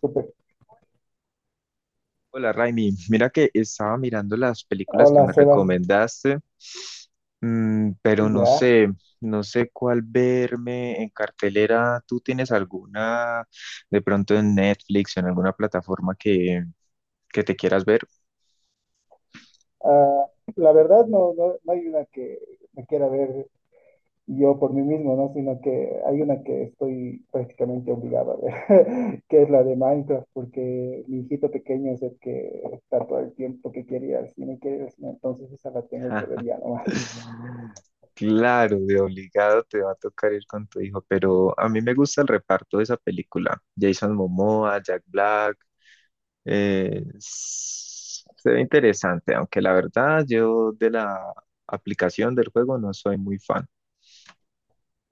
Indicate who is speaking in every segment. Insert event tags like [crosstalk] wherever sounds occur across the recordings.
Speaker 1: Súper.
Speaker 2: Hola Raimi, mira que estaba mirando las películas que
Speaker 1: Hola,
Speaker 2: me
Speaker 1: Sebas.
Speaker 2: recomendaste, pero no
Speaker 1: Ya.
Speaker 2: sé, no sé cuál verme en cartelera. ¿Tú tienes alguna de pronto en Netflix o en alguna plataforma que te quieras ver?
Speaker 1: Ah, la verdad, no, no, no hay una que me quiera ver yo por mí mismo, ¿no? Sino que hay una que estoy prácticamente obligado a ver, [laughs] que es la de Minecraft, porque mi hijito pequeño es el que está todo el tiempo que quiere ir al cine, quiere ir al cine, entonces esa la tengo que ver ya
Speaker 2: [laughs]
Speaker 1: nomás.
Speaker 2: Claro, de obligado te va a tocar ir con tu hijo, pero a mí me gusta el reparto de esa película. Jason Momoa, Jack Black. Se ve interesante, aunque la verdad yo de la aplicación del juego no soy muy fan.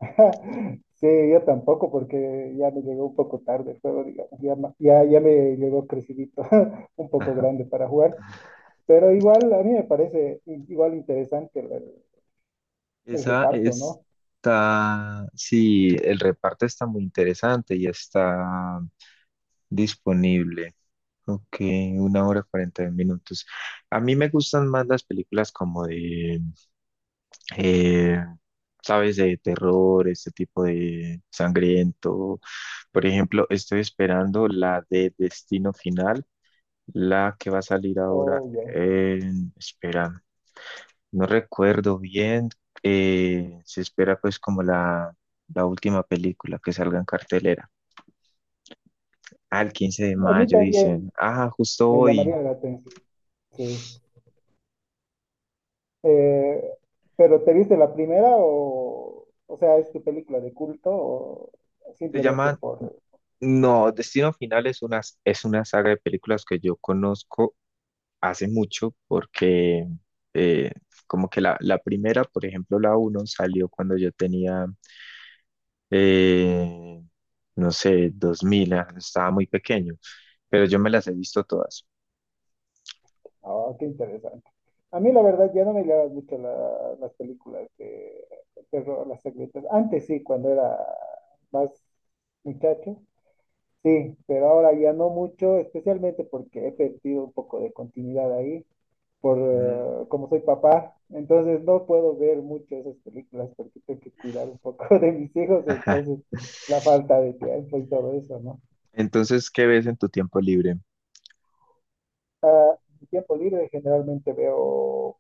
Speaker 1: [laughs] Sí, yo tampoco, porque ya me llegó un poco tarde el juego, digamos. Ya, ya me llegó crecidito, [laughs] un poco
Speaker 2: Ajá.
Speaker 1: grande para jugar. Pero igual, a mí me parece igual interesante el,
Speaker 2: Esa
Speaker 1: reparto, ¿no?
Speaker 2: está, sí, el reparto está muy interesante y está disponible. Ok, una hora cuarenta minutos. A mí me gustan más las películas como eh, sabes, de terror, este tipo de sangriento. Por ejemplo, estoy esperando la de Destino Final. La que va a salir ahora,
Speaker 1: Oh, ya.
Speaker 2: espera, no recuerdo bien, se espera pues como la última película que salga en cartelera. Al 15 de
Speaker 1: A mí
Speaker 2: mayo dicen,
Speaker 1: también
Speaker 2: ah, justo
Speaker 1: me
Speaker 2: hoy.
Speaker 1: llamaría la atención, sí. Eh, pero ¿te viste la primera o sea, es tu película de culto o
Speaker 2: Se
Speaker 1: simplemente
Speaker 2: llama,
Speaker 1: por.
Speaker 2: no, Destino Final es una saga de películas que yo conozco hace mucho porque eh, como que la primera, por ejemplo, la uno salió cuando yo tenía... eh, no sé, 2000, ah, estaba muy pequeño. Pero yo me las he visto todas.
Speaker 1: Ah, qué interesante. A mí la verdad ya no me llaman mucho las películas de terror, las secretas. Antes sí, cuando era más muchacho. Sí, pero ahora ya no mucho, especialmente porque he perdido un poco de continuidad ahí, por
Speaker 2: Mm.
Speaker 1: como soy papá, entonces no puedo ver mucho esas películas porque tengo que cuidar un poco [laughs] de mis hijos,
Speaker 2: Ajá.
Speaker 1: entonces la falta de tiempo y todo eso, ¿no?
Speaker 2: Entonces, ¿qué ves en tu tiempo libre?
Speaker 1: Mi tiempo libre generalmente veo.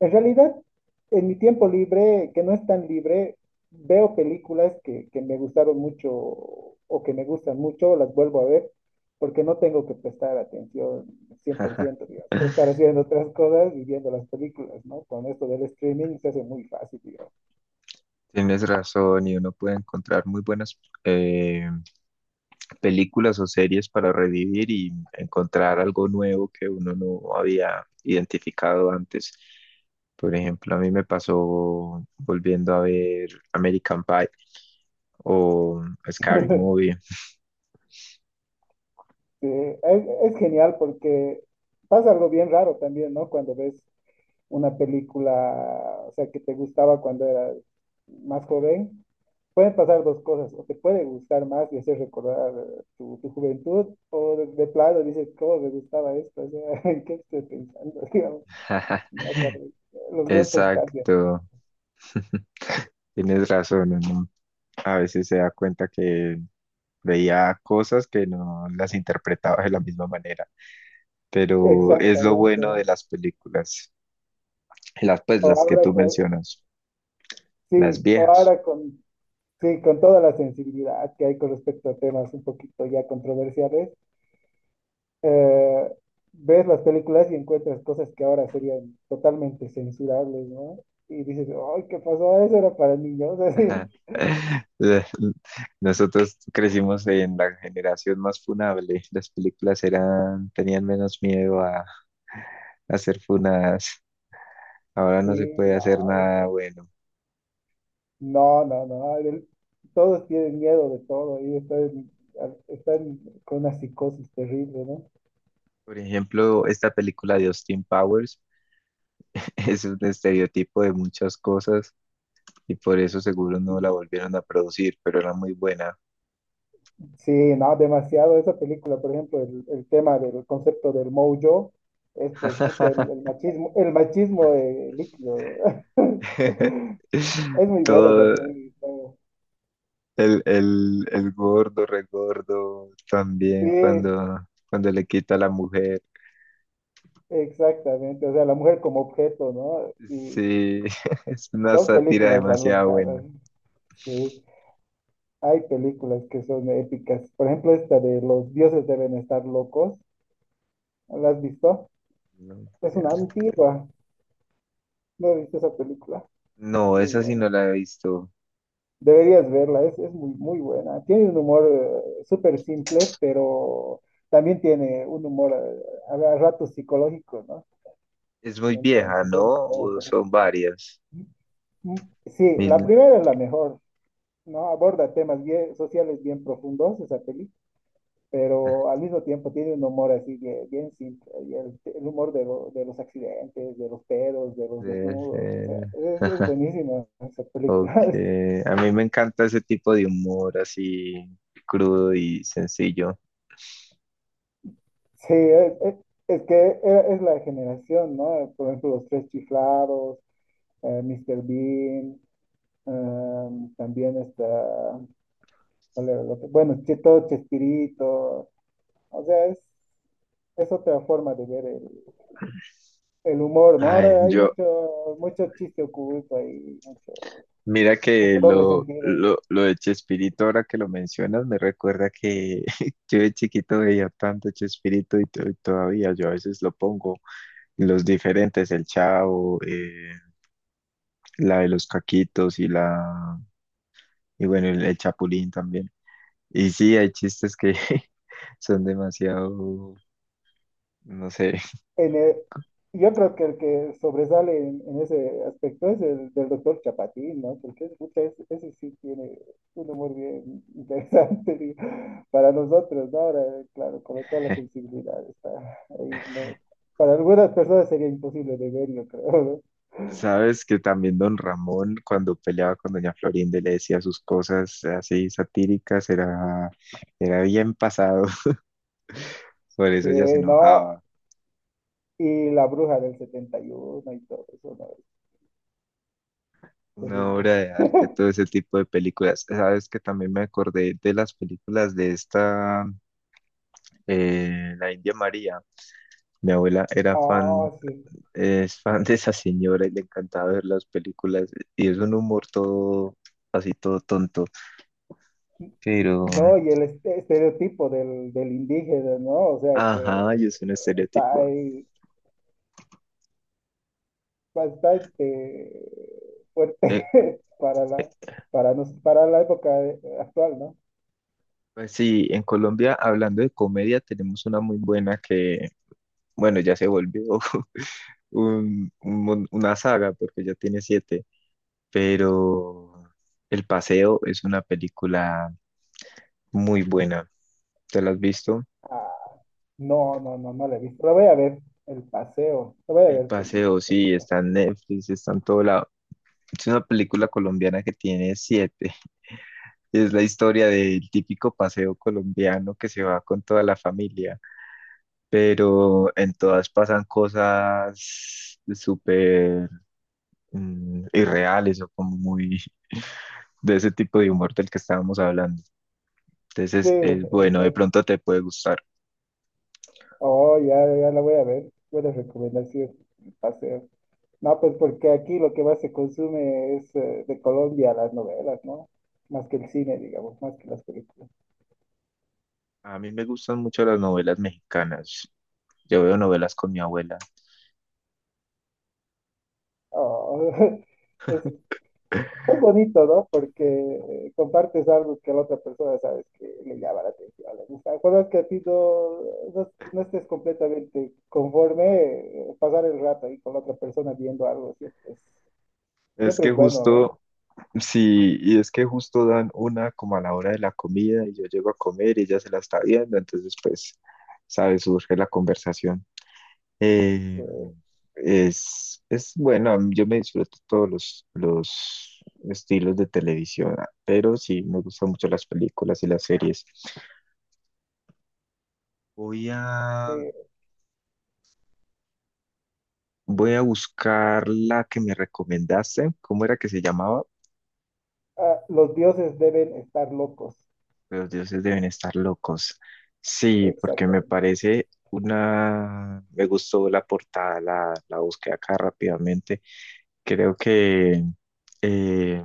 Speaker 1: En realidad, en mi tiempo libre, que no es tan libre, veo películas que me gustaron mucho o que me gustan mucho, las vuelvo a ver, porque no tengo que prestar atención
Speaker 2: Ajá.
Speaker 1: 100%, digamos. Puedo estar haciendo otras cosas y viendo las películas, ¿no? Con esto del streaming se hace muy fácil, digamos.
Speaker 2: Tienes razón, y uno puede encontrar muy buenas eh, películas o series para revivir y encontrar algo nuevo que uno no había identificado antes. Por ejemplo, a mí me pasó volviendo a ver American Pie o Scary
Speaker 1: [laughs]
Speaker 2: Movie.
Speaker 1: Sí, es genial porque pasa algo bien raro también, ¿no? Cuando ves una película, o sea, que te gustaba cuando eras más joven pueden pasar dos cosas, o te puede gustar más y hacer recordar tu juventud, o de plano dices, ¿cómo me gustaba esto? O sea, [laughs] ¿en qué estoy pensando? [laughs] Digamos, no,
Speaker 2: [laughs]
Speaker 1: o sea, los gustos cambian.
Speaker 2: Exacto, tienes razón, uno a veces se da cuenta que veía cosas que no las interpretaba de la misma manera, pero es lo
Speaker 1: Exactamente,
Speaker 2: bueno de
Speaker 1: ¿no?
Speaker 2: las películas, las pues
Speaker 1: O
Speaker 2: las que
Speaker 1: ahora
Speaker 2: tú
Speaker 1: con,
Speaker 2: mencionas, las
Speaker 1: sí, o
Speaker 2: viejas.
Speaker 1: ahora con, sí, con toda la sensibilidad que hay con respecto a temas un poquito ya controversiales, eh, ves las películas y encuentras cosas que ahora serían totalmente censurables, ¿no? Y dices, ¡ay, qué pasó! Eso era para niños.
Speaker 2: Ajá.
Speaker 1: [laughs]
Speaker 2: [laughs] La- Nosotros crecimos en la generación más funable, las películas eran, tenían menos miedo a ser funadas. Ahora no
Speaker 1: Sí,
Speaker 2: se puede hacer
Speaker 1: no,
Speaker 2: nada bueno.
Speaker 1: no, no, no. Todos tienen miedo de todo y están con una psicosis terrible, ¿no?
Speaker 2: Por ejemplo, esta película de Austin Powers [laughs] es un estereotipo de muchas cosas y por eso seguro no la volvieron a producir, pero era muy buena.
Speaker 1: Sí, no, demasiado. Esa película, por ejemplo, el tema del concepto del mojo es pues puta, el,
Speaker 2: [laughs]
Speaker 1: el machismo, el machismo líquido. [laughs] Es muy buena
Speaker 2: Todo
Speaker 1: esa peli, ¿no?
Speaker 2: el gordo, regordo,
Speaker 1: Sí,
Speaker 2: también cuando le quita a la mujer.
Speaker 1: exactamente. O sea, la mujer como objeto, ¿no? Y
Speaker 2: Sí, [laughs] es una
Speaker 1: son
Speaker 2: sátira
Speaker 1: películas tan
Speaker 2: demasiado buena.
Speaker 1: locadas. Sí. Hay películas que son épicas. Por ejemplo, esta de Los Dioses Deben Estar Locos. ¿La has visto?
Speaker 2: No,
Speaker 1: Es una
Speaker 2: tienes-
Speaker 1: antigua. ¿No viste esa película? Es
Speaker 2: no,
Speaker 1: muy
Speaker 2: esa sí
Speaker 1: buena.
Speaker 2: no la he visto.
Speaker 1: Deberías verla, es muy, muy buena. Tiene un humor súper simple, pero también tiene un humor a ratos psicológico, ¿no?
Speaker 2: Es muy vieja,
Speaker 1: Entonces,
Speaker 2: ¿no?
Speaker 1: es buena,
Speaker 2: ¿O
Speaker 1: pero-
Speaker 2: son varias?
Speaker 1: Sí, la
Speaker 2: Mil-
Speaker 1: primera es la mejor, ¿no? Aborda temas bien, sociales bien profundos, esa película. Pero al mismo tiempo tiene un humor así bien, bien simple, y el humor de, de los accidentes, de los pedos, de los
Speaker 2: Debe
Speaker 1: desnudos, o sea,
Speaker 2: ser.
Speaker 1: es buenísima esa
Speaker 2: Ok.
Speaker 1: película. [laughs]
Speaker 2: A mí me encanta ese tipo de humor así crudo y sencillo.
Speaker 1: Sí, es la generación, ¿no? Por ejemplo, Los Tres Chiflados, Mr. Bean, también está, ¿cuál era el otro? Bueno, todo Chespirito, o sea, es otra forma de ver el humor, ¿no?
Speaker 2: Ay,
Speaker 1: Ahora hay
Speaker 2: yo,
Speaker 1: mucho, mucho chiste oculto ahí.
Speaker 2: Mira que
Speaker 1: Mucho doble
Speaker 2: lo,
Speaker 1: sentido.
Speaker 2: lo, lo de Chespirito, ahora que lo mencionas, me recuerda que [laughs] yo de chiquito veía tanto Chespirito y y todavía yo a veces lo pongo. Los diferentes, el Chavo, la de los Caquitos y bueno, el Chapulín también. Y sí, hay chistes que [laughs] son demasiado, no sé.
Speaker 1: En el- yo creo que el que sobresale en ese aspecto es el del doctor Chapatín, ¿no? Porque pucha, ese sí tiene un humor bien interesante [laughs] digo, para nosotros, ¿no? Ahora, claro, con toda la sensibilidad está ahí, ¿no? Para algunas personas sería imposible de ver, yo creo, ¿no?
Speaker 2: Sabes que también Don Ramón, cuando peleaba con Doña Florinda y le decía sus cosas así satíricas, era, era bien pasado, [laughs] por
Speaker 1: Sí,
Speaker 2: eso ella se
Speaker 1: no,
Speaker 2: enojaba.
Speaker 1: y la bruja del 71 y uno y todo eso, ¿no? Es
Speaker 2: Una
Speaker 1: terrible.
Speaker 2: obra de arte,
Speaker 1: [laughs]
Speaker 2: todo ese tipo de películas. Sabes que también me acordé de las películas de la India María. Mi abuela era
Speaker 1: Ah,
Speaker 2: fan,
Speaker 1: sí.
Speaker 2: es fan de esa señora y le encantaba ver las películas. Y es un humor todo, así todo tonto. Pero,
Speaker 1: No, y el estereotipo del indígena, ¿no? O sea, que
Speaker 2: ajá, y es un
Speaker 1: está
Speaker 2: estereotipo.
Speaker 1: ahí bastante fuerte
Speaker 2: Eh,
Speaker 1: [laughs] para
Speaker 2: eh,
Speaker 1: la, para la época actual, ¿no?
Speaker 2: Pues sí, en Colombia, hablando de comedia, tenemos una muy buena que, bueno, ya se volvió [laughs] una saga porque ya tiene siete, pero El Paseo es una película muy buena. ¿Te la has visto?
Speaker 1: Ah, no, no, no, no la he visto. La voy a ver, el paseo. La voy a
Speaker 2: El
Speaker 1: ver con mi
Speaker 2: Paseo,
Speaker 1: esposa, yo
Speaker 2: sí,
Speaker 1: creo.
Speaker 2: está en Netflix, está en todo lado. Es una película colombiana que tiene siete. [laughs] Es la historia del típico paseo colombiano que se va con toda la familia, pero en todas pasan cosas súper, irreales o como muy de ese tipo de humor del que estábamos hablando.
Speaker 1: Sí,
Speaker 2: Entonces es bueno, de
Speaker 1: exacto.
Speaker 2: pronto te puede gustar.
Speaker 1: Oh, ya, ya la voy a ver. Buena recomendación, el paseo. No, pues porque aquí lo que más se consume es de Colombia las novelas, ¿no? Más que el cine, digamos, más que las películas.
Speaker 2: A mí me gustan mucho las novelas mexicanas. Yo veo novelas con mi abuela.
Speaker 1: Oh, [laughs] es, es bonito, ¿no? Porque compartes algo que la otra persona sabes que le llama la atención, le gusta. Cuando que a ti no, no, no estés completamente conforme, pasar el rato ahí con la otra persona viendo algo
Speaker 2: Es
Speaker 1: siempre
Speaker 2: que
Speaker 1: es bueno, ¿no?
Speaker 2: justo, sí, y es que justo dan una como a la hora de la comida y yo llego a comer y ella se la está viendo, entonces pues, sabes, surge la conversación. Eh,
Speaker 1: Sí,
Speaker 2: es bueno, yo me disfruto todos los estilos de televisión, ah, pero sí me gustan mucho las películas y las series. Voy
Speaker 1: sí.
Speaker 2: a, Voy a buscar la que me recomendaste. ¿Cómo era que se llamaba?
Speaker 1: Ah, los dioses deben estar locos,
Speaker 2: Los dioses deben estar locos. Sí, porque me
Speaker 1: exactamente.
Speaker 2: parece una... Me gustó la portada, la busqué acá rápidamente. Creo que eh,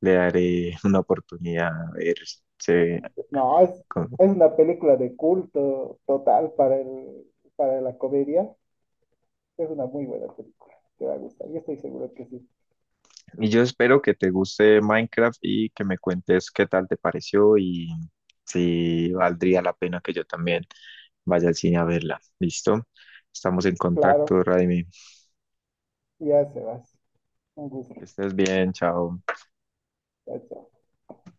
Speaker 2: le daré una oportunidad a ver. se-
Speaker 1: No, es,
Speaker 2: con-
Speaker 1: es una película de culto total para el, para la comedia. Es una muy buena película, te va a gustar, yo estoy seguro que sí.
Speaker 2: Y yo espero que te guste Minecraft y que me cuentes qué tal te pareció y si valdría la pena que yo también vaya al cine a verla. ¿Listo? Estamos en contacto,
Speaker 1: Claro,
Speaker 2: Raimi.
Speaker 1: ya se vas. Un gusto.
Speaker 2: Que estés bien, chao.
Speaker 1: Chao, chao.